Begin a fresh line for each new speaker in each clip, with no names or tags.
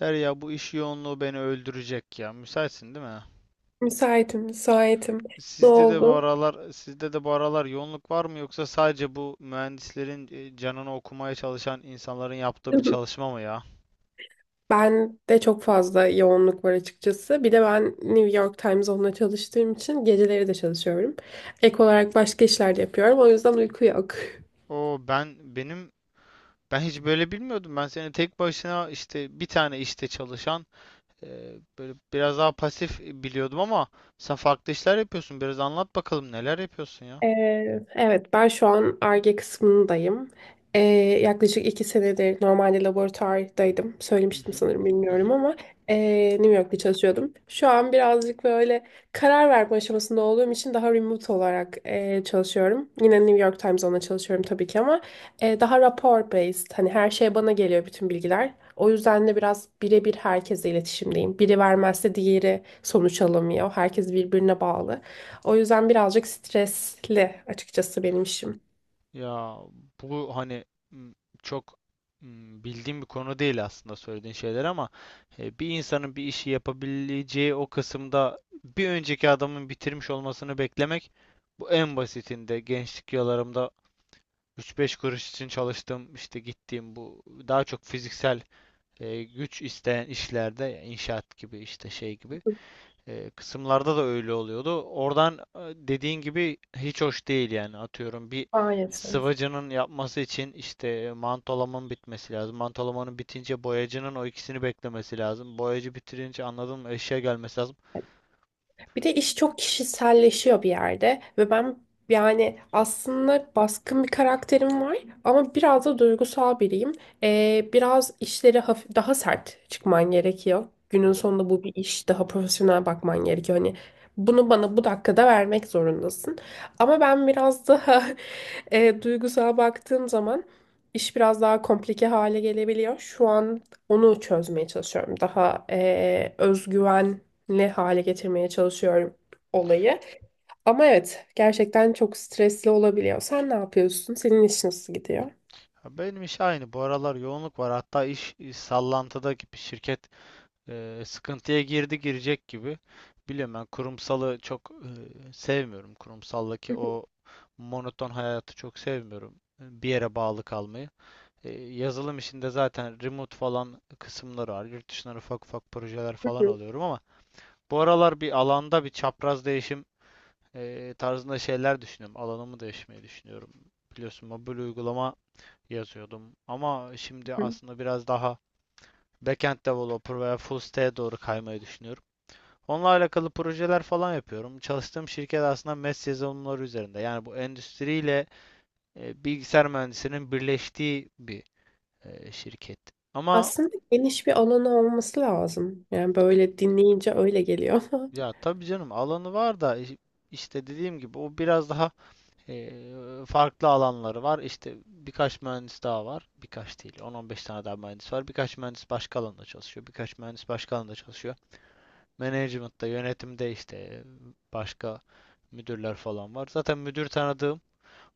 Derya bu iş yoğunluğu beni öldürecek ya. Müsaitsin değil mi?
Müsaitim, müsaitim. Ne
Sizde de bu
oldu?
aralar sizde de bu aralar yoğunluk var mı, yoksa sadece bu mühendislerin canını okumaya çalışan insanların yaptığı bir çalışma mı ya?
Ben de çok fazla yoğunluk var açıkçası. Bir de ben New York Times onunla çalıştığım için geceleri de çalışıyorum. Ek olarak başka işler de yapıyorum. O yüzden uyku yok.
O ben benim ben hiç böyle bilmiyordum. Ben seni tek başına işte bir tane işte çalışan, böyle biraz daha pasif biliyordum ama sen farklı işler yapıyorsun. Biraz anlat bakalım neler yapıyorsun ya?
Ee, Evet, ben şu an Ar-Ge kısmındayım. Ee, yaklaşık iki senedir normalde laboratuvardaydım.
Hı
Söylemiştim
hı.
sanırım
Hı
bilmiyorum
hı.
ama ee, New York'ta çalışıyordum. Şu an birazcık böyle karar verme aşamasında olduğum için daha remote olarak çalışıyorum. Yine New York Times'da çalışıyorum tabii ki ama daha rapor based. Hani her şey bana geliyor bütün bilgiler. O yüzden de biraz birebir herkesle iletişimdeyim. Biri vermezse diğeri sonuç alamıyor. Herkes birbirine bağlı. O yüzden birazcık stresli açıkçası benim işim.
Ya bu hani m, çok bildiğim bir konu değil aslında söylediğin şeyler ama bir insanın bir işi yapabileceği o kısımda bir önceki adamın bitirmiş olmasını beklemek, bu en basitinde gençlik yıllarımda üç beş kuruş için çalıştığım, işte gittiğim, bu daha çok fiziksel güç isteyen işlerde, ya inşaat gibi, işte şey gibi kısımlarda da öyle oluyordu. Oradan dediğin gibi hiç hoş değil yani. Atıyorum, bir
Maalesef.
sıvacının yapması için işte mantolamanın bitmesi lazım. Mantolamanın bitince boyacının o ikisini beklemesi lazım. Boyacı bitirince, anladın mı, eşya gelmesi lazım.
Bir de iş çok kişiselleşiyor bir yerde ve ben yani aslında baskın bir karakterim var ama biraz da duygusal biriyim. Biraz işleri hafif, daha sert çıkman gerekiyor.
Hı
Günün
hı.
sonunda bu bir iş, daha profesyonel bakman gerekiyor. Hani bunu bana bu dakikada vermek zorundasın. Ama ben biraz daha duygusal baktığım zaman iş biraz daha komplike hale gelebiliyor. Şu an onu çözmeye çalışıyorum. Daha özgüven ne hale getirmeye çalışıyorum olayı. Ama evet gerçekten çok stresli olabiliyor. Sen ne yapıyorsun? Senin iş nasıl gidiyor?
Ya, benim iş aynı. Bu aralar yoğunluk var. Hatta iş sallantıda gibi, şirket sıkıntıya girdi, girecek gibi. Biliyorum, ben kurumsalı çok sevmiyorum. Kurumsaldaki o monoton hayatı çok sevmiyorum. Bir yere bağlı kalmayı. Yazılım işinde zaten remote falan kısımları var. Yurt dışından ufak ufak projeler falan alıyorum ama bu aralar bir alanda bir çapraz değişim tarzında şeyler düşünüyorum. Alanımı değişmeyi düşünüyorum. Biliyorsun, mobil uygulama yazıyordum ama şimdi aslında biraz daha backend developer veya full stack'e doğru kaymayı düşünüyorum. Onunla alakalı projeler falan yapıyorum. Çalıştığım şirket aslında MES yazılımları üzerinde. Yani bu endüstriyle bilgisayar mühendisinin birleştiği bir şirket. Ama
Aslında geniş bir alanı olması lazım. Yani böyle dinleyince öyle geliyor ama.
ya, tabii canım, alanı var da işte dediğim gibi o biraz daha e, farklı alanları var. İşte birkaç mühendis daha var. Birkaç değil, 10-15 tane daha mühendis var. Birkaç mühendis başka alanda çalışıyor. Birkaç mühendis başka alanda çalışıyor. Management'ta, yönetimde, işte başka müdürler falan var. Zaten müdür tanıdığım,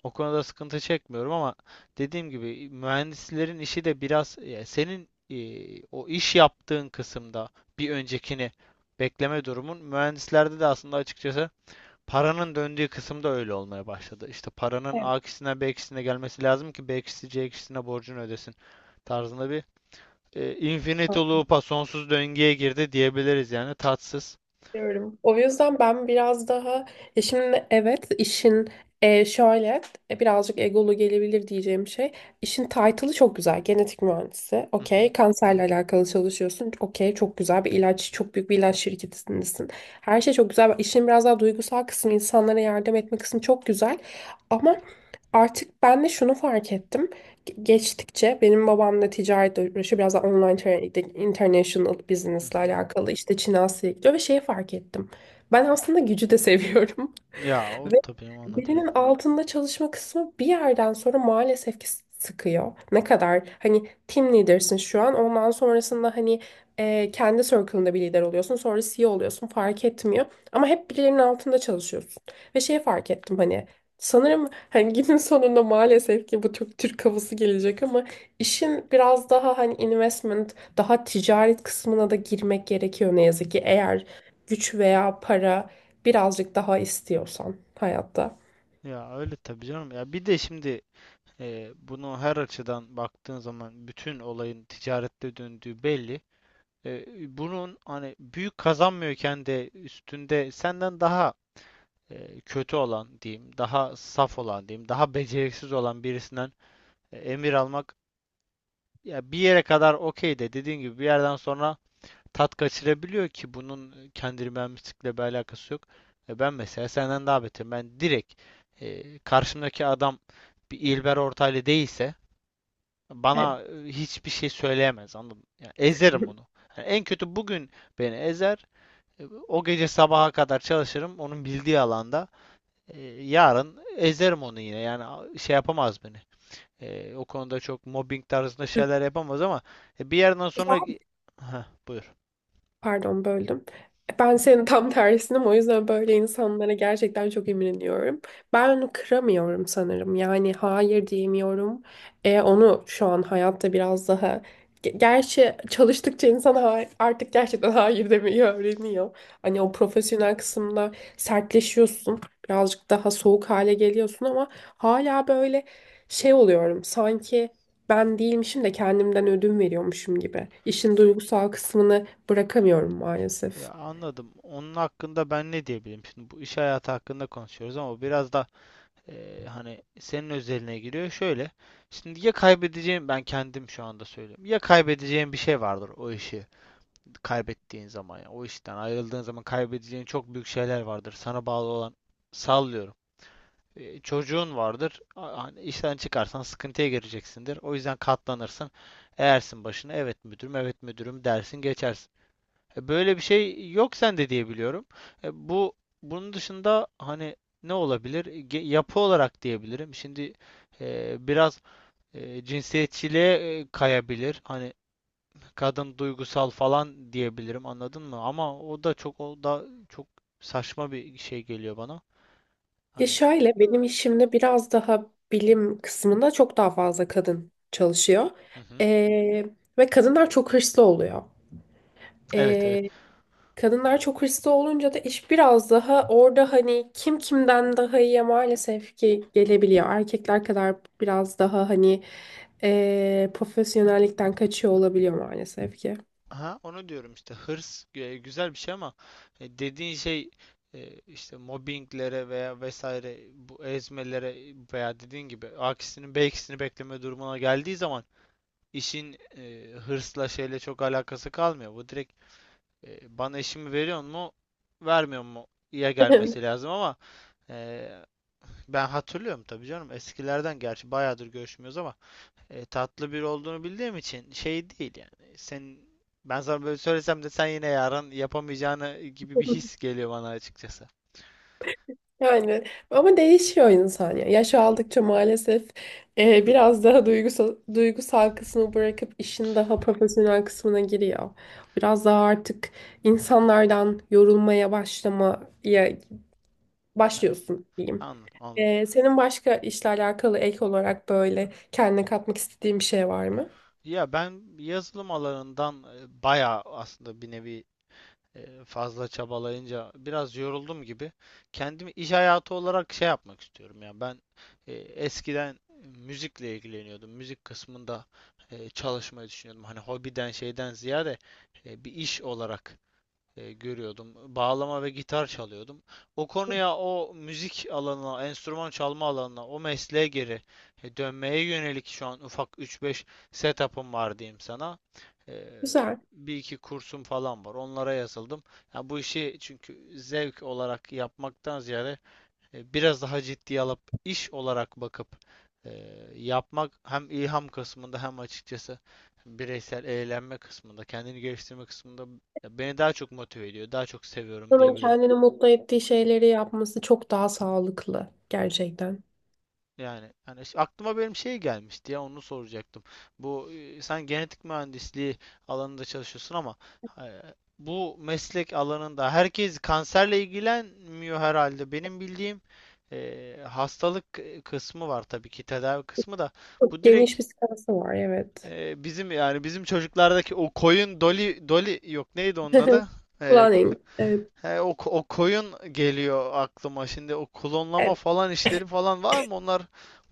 o konuda sıkıntı çekmiyorum ama dediğim gibi mühendislerin işi de biraz, ya senin o iş yaptığın kısımda bir öncekini bekleme durumun mühendislerde de aslında açıkçası paranın döndüğü kısımda öyle olmaya başladı. İşte paranın
Evet.
A kişisine, B kişisine gelmesi lazım ki B kişisi C kişisine borcunu ödesin tarzında bir infinite loop'a, sonsuz döngüye girdi diyebiliriz yani. Tatsız.
Diyorum. O yüzden ben biraz daha ya şimdi evet işin e, şöyle birazcık egolu gelebilir diyeceğim şey. İşin title'ı çok güzel. Genetik mühendisi.
Hı hı,
Okey. Kanserle alakalı çalışıyorsun. Okey. Çok güzel bir ilaç. Çok büyük bir ilaç şirketindesin. Her şey çok güzel. İşin biraz daha duygusal kısmı, insanlara yardım etme kısmı çok güzel. Ama artık ben de şunu fark ettim geçtikçe benim babam da ticaretle uğraşıyor. Biraz da online international
hı
business'la
hı.
alakalı işte Çin Asya'ya gidiyor ve şeyi fark ettim. Ben aslında gücü de seviyorum.
Ya, o
Ve
tabii anladım.
birinin altında çalışma kısmı bir yerden sonra maalesef ki sıkıyor. Ne kadar hani team leader'sın şu an ondan sonrasında hani kendi circle'ında bir lider oluyorsun sonra CEO oluyorsun fark etmiyor. Ama hep birilerinin altında çalışıyorsun. Ve şeyi fark ettim hani sanırım hani günün sonunda maalesef ki bu çok Türk havası gelecek ama İşin biraz daha hani investment, daha ticaret kısmına da girmek gerekiyor ne yazık ki eğer güç veya para birazcık daha istiyorsan hayatta.
Ya öyle tabii canım. Ya bir de şimdi, bunu her açıdan baktığın zaman bütün olayın ticarette döndüğü belli. E, bunun hani büyük kazanmıyorken de üstünde, senden daha kötü olan diyeyim, daha saf olan diyeyim, daha beceriksiz olan birisinden emir almak, ya bir yere kadar okey de dediğin gibi bir yerden sonra tat kaçırabiliyor ki bunun kendini mühendislikle bir alakası yok. Ben mesela senden daha beterim. Ben direkt, karşımdaki adam bir İlber Ortaylı değilse
Evet.
bana hiçbir şey söyleyemez, anladın mı? Yani ezerim onu. Yani en kötü bugün beni ezer. O gece sabaha kadar çalışırım onun bildiği alanda. Yarın ezerim onu yine. Yani şey yapamaz beni. O konuda çok mobbing tarzında şeyler yapamaz ama bir yerden sonra, heh, buyur.
Pardon böldüm. Ben senin tam tersinim o yüzden böyle insanlara gerçekten çok imreniyorum. Ben onu kıramıyorum sanırım. Yani hayır diyemiyorum. Onu şu an hayatta biraz daha... Gerçi çalıştıkça insan artık gerçekten hayır demeyi öğreniyor. Hani o profesyonel kısımda sertleşiyorsun. Birazcık daha soğuk hale geliyorsun ama hala böyle şey oluyorum. Sanki ben değilmişim de kendimden ödün veriyormuşum gibi. İşin duygusal kısmını bırakamıyorum maalesef.
Ya anladım. Onun hakkında ben ne diyebilirim? Şimdi bu iş hayatı hakkında konuşuyoruz ama biraz da hani senin özeline giriyor. Şöyle. Şimdi ya, kaybedeceğim ben, kendim şu anda söylüyorum. Ya kaybedeceğin bir şey vardır o işi kaybettiğin zaman. Yani o işten ayrıldığın zaman kaybedeceğin çok büyük şeyler vardır. Sana bağlı olan, sallıyorum, Çocuğun vardır. Hani işten çıkarsan sıkıntıya gireceksindir. O yüzden katlanırsın. Eğersin başına, evet müdürüm, evet müdürüm dersin, geçersin. Böyle bir şey yok sende diye biliyorum. E, bu bunun dışında, hani ne olabilir? Yapı olarak diyebilirim. Şimdi biraz cinsiyetçiliğe kayabilir. Hani kadın duygusal falan diyebilirim. Anladın mı? Ama o da çok saçma bir şey geliyor bana.
Ya
Hani
şöyle benim işimde biraz daha bilim kısmında çok daha fazla kadın çalışıyor.
hı hı.
Ee, ve kadınlar çok hırslı oluyor.
Evet, evet.
Ee, kadınlar çok hırslı olunca da iş biraz daha orada hani kim kimden daha iyiye maalesef ki gelebiliyor. Erkekler kadar biraz daha hani profesyonellikten kaçıyor olabiliyor maalesef ki.
Aha, onu diyorum işte, hırs güzel bir şey ama dediğin şey, işte mobbinglere veya vesaire, bu ezmelere veya dediğin gibi A'kisinin B'kisini bekleme durumuna geldiği zaman işin hırsla, şeyle çok alakası kalmıyor. Bu direkt, bana işimi veriyor mu vermiyor mu, ya gelmesi lazım ama. e, Ben hatırlıyorum tabii canım, eskilerden, gerçi bayağıdır görüşmüyoruz ama tatlı biri olduğunu bildiğim için şey değil yani. Ben sana böyle söylesem de sen yine yarın yapamayacağını gibi bir his geliyor bana açıkçası.
Yani ama değişiyor insan ya. Yaş aldıkça maalesef biraz daha duygusal kısmı bırakıp işin daha profesyonel kısmına giriyor. Biraz daha artık insanlardan yorulmaya başlamaya
Yani
başlıyorsun diyeyim.
anladım, anladım.
E, senin başka işle alakalı ek olarak böyle kendine katmak istediğin bir şey var mı?
Ya ben yazılım alanından bayağı, aslında bir nevi fazla çabalayınca biraz yoruldum gibi. Kendimi iş hayatı olarak şey yapmak istiyorum ya. Ben eskiden müzikle ilgileniyordum. Müzik kısmında çalışmayı düşünüyordum. Hani hobiden, şeyden ziyade bir iş olarak görüyordum. Bağlama ve gitar çalıyordum. O konuya, o müzik alanına, enstrüman çalma alanına, o mesleğe geri dönmeye yönelik şu an ufak üç beş setup'ım var diyeyim sana. E,
Güzel.
bir iki kursum falan var. Onlara yazıldım. Ya bu işi, çünkü zevk olarak yapmaktan ziyade biraz daha ciddiye alıp iş olarak bakıp e, yapmak, hem ilham kısmında, hem açıkçası bireysel eğlenme kısmında, kendini geliştirme kısmında beni daha çok motive ediyor, daha çok seviyorum
İnsanın
diyebilirim.
kendini mutlu ettiği şeyleri yapması çok daha sağlıklı gerçekten.
Yani, yani işte aklıma benim şey gelmişti ya, onu soracaktım. Bu sen genetik mühendisliği alanında çalışıyorsun ama e, bu meslek alanında herkes kanserle ilgilenmiyor herhalde. Benim bildiğim hastalık kısmı var tabii ki, tedavi kısmı da.
Çok
Bu direkt,
geniş bir skalası var evet.
bizim, yani bizim çocuklardaki o koyun doli doli, yok neydi onun adı? E, ko-
Planning. Evet.
he, o koyun geliyor aklıma şimdi, o klonlama falan işleri falan var mı, onlar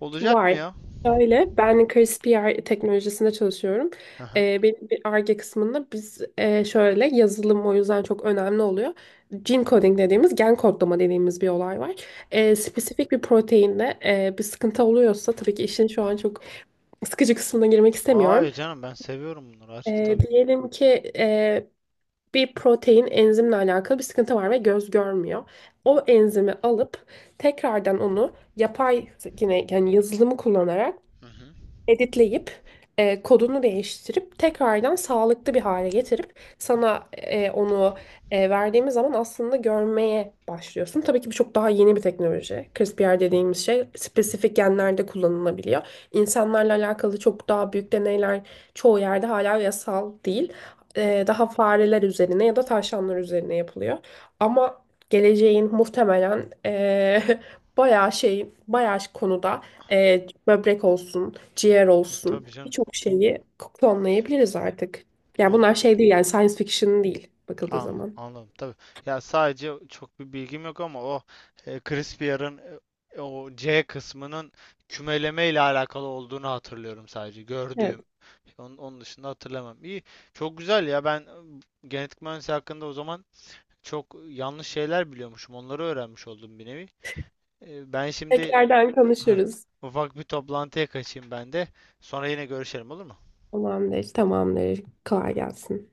olacak mı
Var.
ya?
Öyle. Ben Kriz PR teknolojisinde çalışıyorum.
Hı hı.
Benim bir Ar-Ge kısmında biz şöyle yazılım o yüzden çok önemli oluyor. Gene coding dediğimiz gen kodlama dediğimiz bir olay var.
Hı hı.
Spesifik bir proteinde bir sıkıntı oluyorsa tabii ki işin şu an çok sıkıcı kısmına girmek istemiyorum.
Hayır canım, ben seviyorum bunları, açıl tabii.
Diyelim ki e, bir protein enzimle alakalı bir sıkıntı var ve göz görmüyor. O enzimi alıp tekrardan onu yapay yine yani yazılımı kullanarak
Hı hı.
editleyip kodunu değiştirip tekrardan sağlıklı bir hale getirip sana onu verdiğimiz zaman aslında görmeye başlıyorsun. Tabii ki bu çok daha yeni bir teknoloji. CRISPR dediğimiz şey spesifik genlerde kullanılabiliyor. İnsanlarla alakalı çok daha büyük deneyler çoğu yerde hala yasal değil. E, daha fareler üzerine ya da tavşanlar üzerine yapılıyor. Ama geleceğin muhtemelen bayağı konuda böbrek olsun, ciğer olsun
Tabii canım.
birçok şeyi klonlayabiliriz artık. Yani
Yani
bunlar şey değil yani science fiction değil bakıldığı
anladım,
zaman.
anladım tabii. Ya sadece çok bir bilgim yok ama o Crispier'ın o C kısmının kümeleme ile alakalı olduğunu hatırlıyorum sadece
Evet.
gördüğüm. Onun dışında hatırlamam. İyi. Çok güzel ya. Ben genetik mühendisliği hakkında o zaman çok yanlış şeyler biliyormuşum. Onları öğrenmiş oldum bir nevi. E, ben şimdi
Tekrardan
Heh,
konuşuruz.
ufak bir toplantıya kaçayım ben de. Sonra yine görüşelim olur mu?
Tamamdır, tamamdır. Kolay gelsin.